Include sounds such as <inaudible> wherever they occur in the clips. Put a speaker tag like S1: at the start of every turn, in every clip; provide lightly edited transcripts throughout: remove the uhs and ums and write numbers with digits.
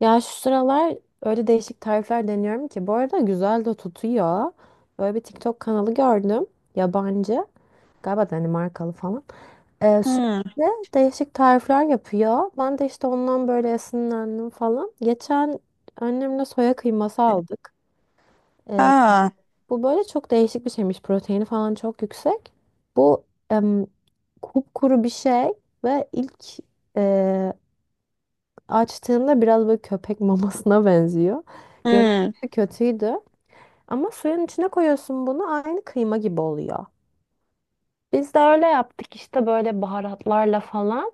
S1: Ya şu sıralar öyle değişik tarifler deniyorum ki bu arada güzel de tutuyor. Böyle bir TikTok kanalı gördüm. Yabancı. Galiba Danimarkalı falan. Ee,
S2: Hmm.
S1: sürekli değişik tarifler yapıyor. Ben de işte ondan böyle esinlendim falan. Geçen annemle soya kıyması aldık. Ee,
S2: Ha.
S1: bu böyle çok değişik bir şeymiş. Proteini falan çok yüksek. Bu em, kupkuru bir şey ve ilk e, açtığımda biraz böyle köpek mamasına <laughs> benziyor. Görüntüsü
S2: Hmm.
S1: kötüydü. Ama suyun içine koyuyorsun bunu aynı kıyma gibi oluyor. Biz de öyle yaptık işte böyle baharatlarla falan.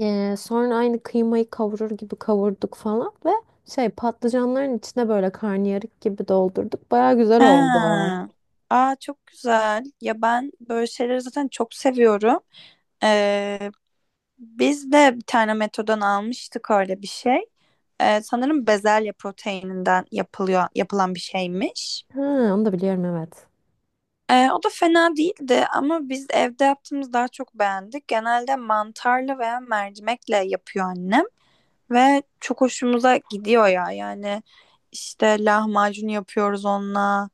S1: Sonra aynı kıymayı kavurur gibi kavurduk falan ve şey patlıcanların içine böyle karnıyarık gibi doldurduk. Baya güzel oldu.
S2: Ha. Aa çok güzel. Ya ben böyle şeyleri zaten çok seviyorum. Ee, Biz de bir tane Meto'dan almıştık öyle bir şey. Sanırım bezelye proteininden yapılıyor, yapılan bir şeymiş.
S1: Ha, onu da biliyorum evet.
S2: O da fena değildi ama biz evde yaptığımız daha çok beğendik. Genelde mantarlı veya mercimekle yapıyor annem ve çok hoşumuza gidiyor ya. Yani işte lahmacun yapıyoruz onunla.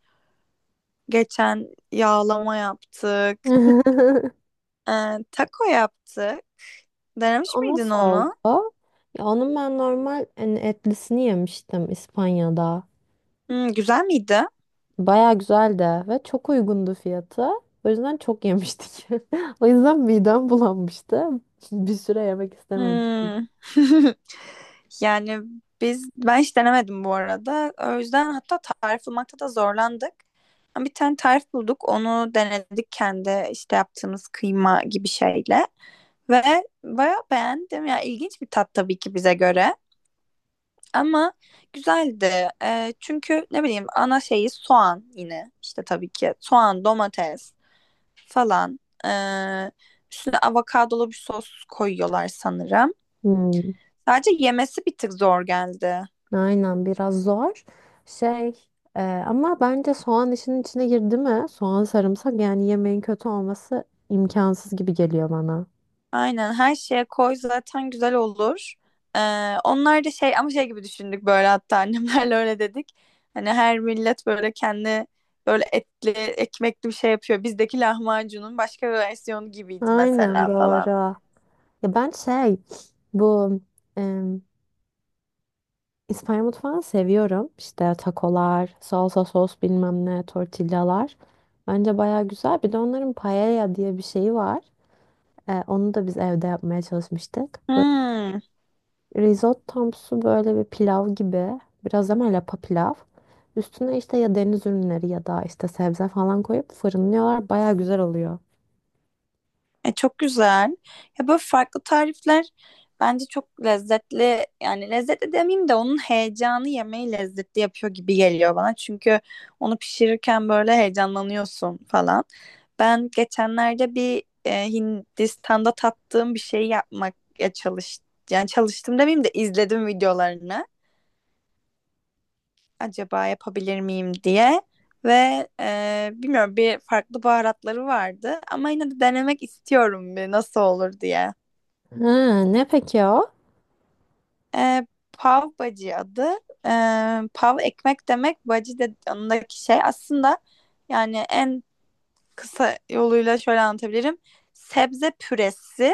S2: Geçen yağlama yaptık.
S1: <laughs>
S2: Taco yaptık. Denemiş
S1: O
S2: miydin
S1: nasıl
S2: onu?
S1: oldu? Ya onun ben normal hani, etlisini yemiştim İspanya'da.
S2: Güzel miydi?
S1: Baya güzeldi ve çok uygundu fiyatı. O yüzden çok yemiştik. <laughs> O yüzden midem bulanmıştı. <laughs> Bir süre yemek istememiştim.
S2: Hmm. <laughs> Yani ben hiç denemedim bu arada. O yüzden hatta tarif bulmakta da zorlandık. Ama bir tane tarif bulduk. Onu denedik kendi işte yaptığımız kıyma gibi şeyle. Ve bayağı beğendim. Ya ilginç bir tat tabii ki bize göre. Ama güzeldi. Çünkü ne bileyim ana şeyi soğan yine. İşte tabii ki soğan, domates falan. Ee, Üstüne avokadolu bir sos koyuyorlar sanırım.
S1: Hmm,
S2: Sadece yemesi bir tık zor geldi.
S1: aynen biraz zor. Şey ama bence soğan işinin içine girdi mi? Soğan sarımsak yani yemeğin kötü olması imkansız gibi geliyor bana.
S2: Aynen her şeye koy zaten güzel olur. Onlar da şey ama şey gibi düşündük böyle hatta <laughs> annemlerle öyle dedik. Hani her millet böyle kendi böyle etli ekmekli bir şey yapıyor. Bizdeki lahmacunun başka bir versiyonu gibiydi
S1: Aynen
S2: mesela falan.
S1: doğru. Ya ben şey bu İspanya mutfağını seviyorum. İşte takolar, salsa sos bilmem ne, tortillalar. Bence baya güzel. Bir de onların paella diye bir şeyi var. Onu da biz evde yapmaya çalışmıştık. Böyle
S2: Hmm,
S1: risottomsu böyle bir pilav gibi. Biraz ama lapa pilav. Üstüne işte ya deniz ürünleri ya da işte sebze falan koyup fırınlıyorlar. Baya güzel oluyor.
S2: Çok güzel. Ya böyle farklı tarifler bence çok lezzetli. Yani lezzetli demeyeyim de onun heyecanı yemeği lezzetli yapıyor gibi geliyor bana. Çünkü onu pişirirken böyle heyecanlanıyorsun falan. Ben geçenlerde bir Hindistan'da tattığım bir şey yapmak ya çalış yani çalıştım demeyeyim de izledim videolarını. Acaba yapabilir miyim diye ve bilmiyorum bir farklı baharatları vardı ama yine de denemek istiyorum bir nasıl olur diye.
S1: Ha, ne peki o?
S2: E, Pav bacı adı. E, Pav ekmek demek, bacı de yanındaki şey. Aslında yani en kısa yoluyla şöyle anlatabilirim. Sebze püresi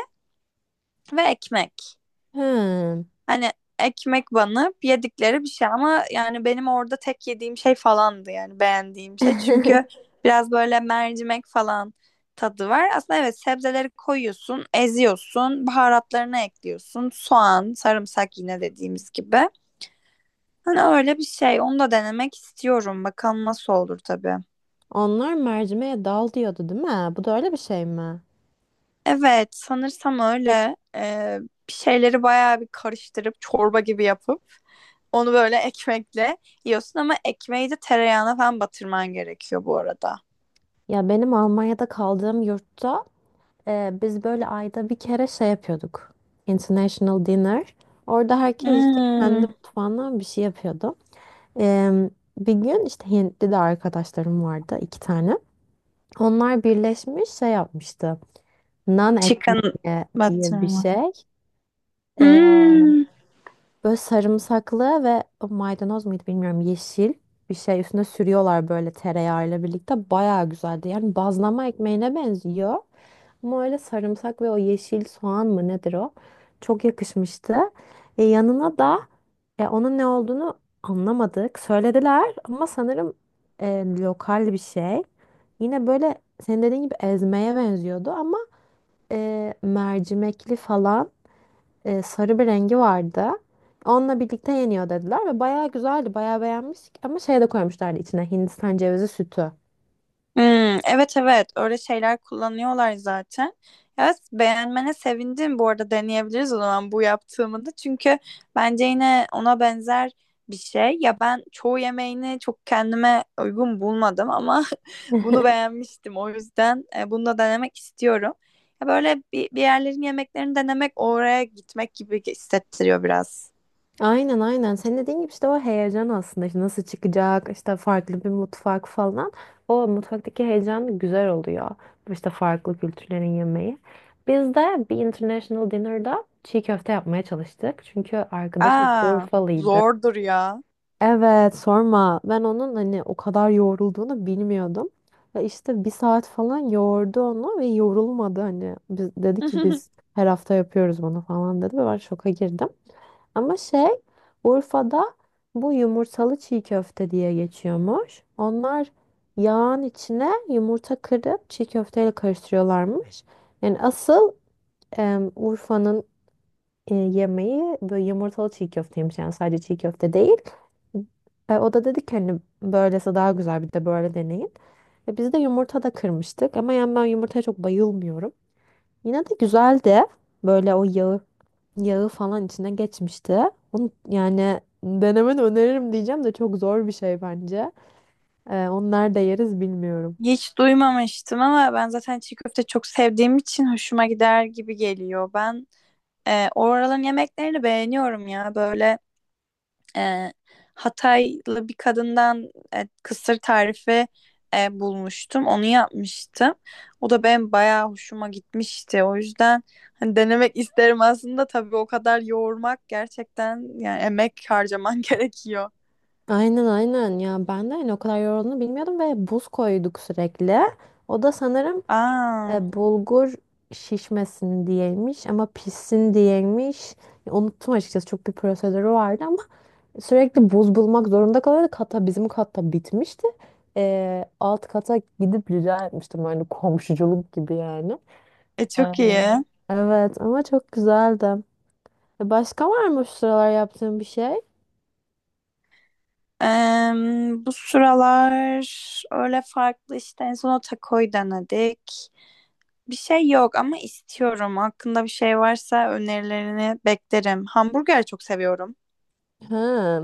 S2: ve ekmek.
S1: Ha.
S2: Hani ekmek banıp yedikleri bir şey ama yani benim orada tek yediğim şey falandı yani beğendiğim şey. Çünkü
S1: <laughs>
S2: biraz böyle mercimek falan tadı var. Aslında evet sebzeleri koyuyorsun, eziyorsun, baharatlarını ekliyorsun. Soğan, sarımsak yine dediğimiz gibi. Hani öyle bir şey. Onu da denemek istiyorum. Bakalım nasıl olur tabii.
S1: Onlar mercimeğe dal diyordu değil mi? Bu da öyle bir şey mi?
S2: Evet, sanırsam öyle. Bir şeyleri bayağı bir karıştırıp çorba gibi yapıp onu böyle ekmekle yiyorsun ama ekmeği de tereyağına falan batırman gerekiyor bu arada.
S1: Ya benim Almanya'da kaldığım yurtta biz böyle ayda bir kere şey yapıyorduk. International Dinner. Orada herkes işte kendi
S2: Hmm.
S1: mutfağından bir şey yapıyordu. E, bir gün işte Hintli de arkadaşlarım vardı iki tane. Onlar birleşmiş şey yapmıştı. Nan
S2: Chicken
S1: ekmeği diye bir
S2: batırma.
S1: şey.
S2: Hmm.
S1: Böyle sarımsaklı ve maydanoz muydu bilmiyorum yeşil bir şey üstüne sürüyorlar böyle tereyağıyla birlikte. Bayağı güzeldi. Yani bazlama ekmeğine benziyor. Ama öyle sarımsak ve o yeşil soğan mı nedir o? Çok yakışmıştı. Yanına da onun ne olduğunu anlamadık. Söylediler ama sanırım lokal bir şey. Yine böyle senin dediğin gibi ezmeye benziyordu ama mercimekli falan sarı bir rengi vardı. Onunla birlikte yeniyor dediler ve bayağı güzeldi. Bayağı beğenmiştik ama şey de koymuşlardı içine Hindistan cevizi sütü.
S2: Hmm, evet evet öyle şeyler kullanıyorlar zaten. Evet beğenmene sevindim bu arada deneyebiliriz o zaman bu yaptığımı da. Çünkü bence yine ona benzer bir şey. Ya ben çoğu yemeğini çok kendime uygun bulmadım ama <laughs> bunu
S1: <laughs>
S2: beğenmiştim. O yüzden bunu da denemek istiyorum. Ya böyle bir yerlerin yemeklerini denemek oraya gitmek gibi hissettiriyor biraz.
S1: Aynen aynen. Senin dediğin gibi işte o heyecan aslında. İşte nasıl çıkacak, işte farklı bir mutfak falan. O mutfaktaki heyecan güzel oluyor. İşte farklı kültürlerin yemeği. Biz de bir international dinner'da çiğ köfte yapmaya çalıştık. Çünkü arkadaşım
S2: Aa
S1: Urfalıydı.
S2: zordur ya.
S1: Evet sorma. Ben onun hani o kadar yoğrulduğunu bilmiyordum. Ve işte bir saat falan yoğurdu onu ve yorulmadı hani. Biz, dedi ki biz
S2: <laughs>
S1: her hafta yapıyoruz bunu falan dedi ve ben şoka girdim. Ama şey Urfa'da bu yumurtalı çiğ köfte diye geçiyormuş. Onlar yağın içine yumurta kırıp çiğ köfteyle karıştırıyorlarmış. Yani asıl Urfa'nın yemeği böyle yumurtalı çiğ köfteymiş yani sadece çiğ köfte değil. O da dedi ki hani böylesi daha güzel bir de böyle deneyin. Biz de yumurta da kırmıştık ama yani ben yumurtaya çok bayılmıyorum. Yine de güzeldi. Böyle o yağı yağı falan içine geçmişti. Onu, yani denemeni öneririm diyeceğim de çok zor bir şey bence. Onu nerede yeriz bilmiyorum.
S2: Hiç duymamıştım ama ben zaten çiğ köfte çok sevdiğim için hoşuma gider gibi geliyor. Ben oraların yemeklerini beğeniyorum ya. Böyle e, Hataylı bir kadından kısır tarifi bulmuştum. Onu yapmıştım. O da benim bayağı hoşuma gitmişti. O yüzden hani denemek <laughs> isterim aslında. Tabii o kadar yoğurmak gerçekten yani emek harcaman <laughs> gerekiyor.
S1: Aynen aynen ya ben de hani o kadar yorulduğunu bilmiyordum ve buz koyduk sürekli. O da sanırım
S2: Aa,
S1: Bulgur şişmesin diyeymiş ama pişsin diyeymiş. Ya, unuttum açıkçası çok bir prosedürü vardı ama sürekli buz bulmak zorunda kalıyordu. Hatta bizim katta bitmişti. Alt kata gidip rica etmiştim hani komşuculuk gibi yani.
S2: e,
S1: Ee,
S2: çok iyi.
S1: Evet ama çok güzeldi. Başka var mı şu sıralar yaptığın bir şey?
S2: Bu sıralar öyle farklı işte en son o takoyu denedik. Bir şey yok ama istiyorum. Hakkında bir şey varsa önerilerini beklerim. Hamburger çok seviyorum.
S1: Ha.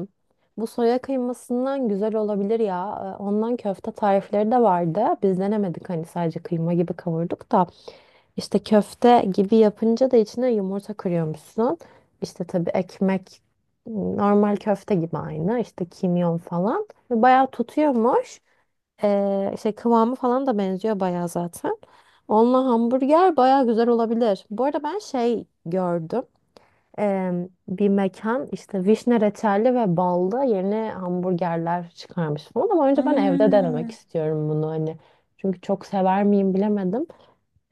S1: Bu soya kıymasından güzel olabilir ya. Ondan köfte tarifleri de vardı. Biz denemedik hani sadece kıyma gibi kavurduk da. İşte köfte gibi yapınca da içine yumurta kırıyormuşsun. İşte tabii ekmek normal köfte gibi aynı. İşte kimyon falan. Ve bayağı tutuyormuş. Şey kıvamı falan da benziyor bayağı zaten. Onunla hamburger bayağı güzel olabilir. Bu arada ben şey gördüm. Ee, bir mekan işte vişne reçelli ve ballı yeni hamburgerler çıkarmış falan. Ama önce ben evde denemek
S2: Hmm.
S1: istiyorum bunu hani. Çünkü çok sever miyim bilemedim.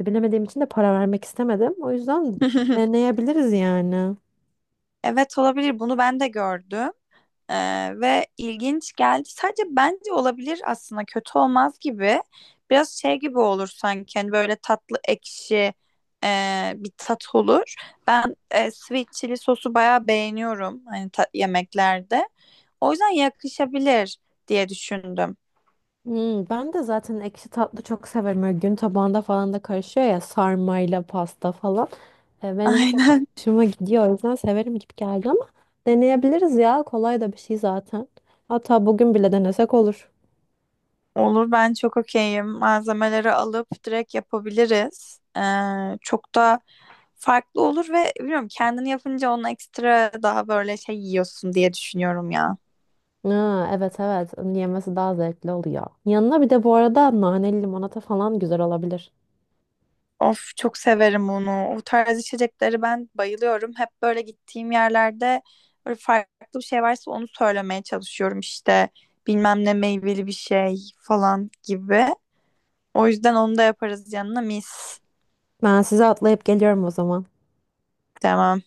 S1: Bilemediğim için de para vermek istemedim. O yüzden
S2: <laughs>
S1: deneyebiliriz yani.
S2: Evet olabilir. Bunu ben de gördüm. Ee, Ve ilginç geldi. Sadece bence olabilir aslında kötü olmaz gibi. Biraz şey gibi olur sanki hani böyle tatlı ekşi bir tat olur. Ben sweet chili sosu bayağı beğeniyorum hani yemeklerde. O yüzden yakışabilir diye düşündüm.
S1: Hmm, ben de zaten ekşi tatlı çok severim. Böyle gün tabağında falan da karışıyor ya sarmayla pasta falan. E,
S2: <laughs>
S1: benim çok
S2: Aynen.
S1: hoşuma gidiyor. O yüzden severim gibi geldi ama deneyebiliriz ya. Kolay da bir şey zaten. Hatta bugün bile denesek olur.
S2: Olur ben çok okeyim. Malzemeleri alıp direkt yapabiliriz. Çok da farklı olur ve bilmiyorum kendini yapınca onu ekstra daha böyle şey yiyorsun diye düşünüyorum ya.
S1: Ha, evet evet. Onun yemesi daha zevkli oluyor. Yanına bir de bu arada naneli limonata falan güzel olabilir.
S2: Of çok severim onu. O tarz içecekleri ben bayılıyorum. Hep böyle gittiğim yerlerde böyle farklı bir şey varsa onu söylemeye çalışıyorum işte. Bilmem ne meyveli bir şey falan gibi. O yüzden onu da yaparız yanına mis.
S1: Ben size atlayıp geliyorum o zaman.
S2: Tamam.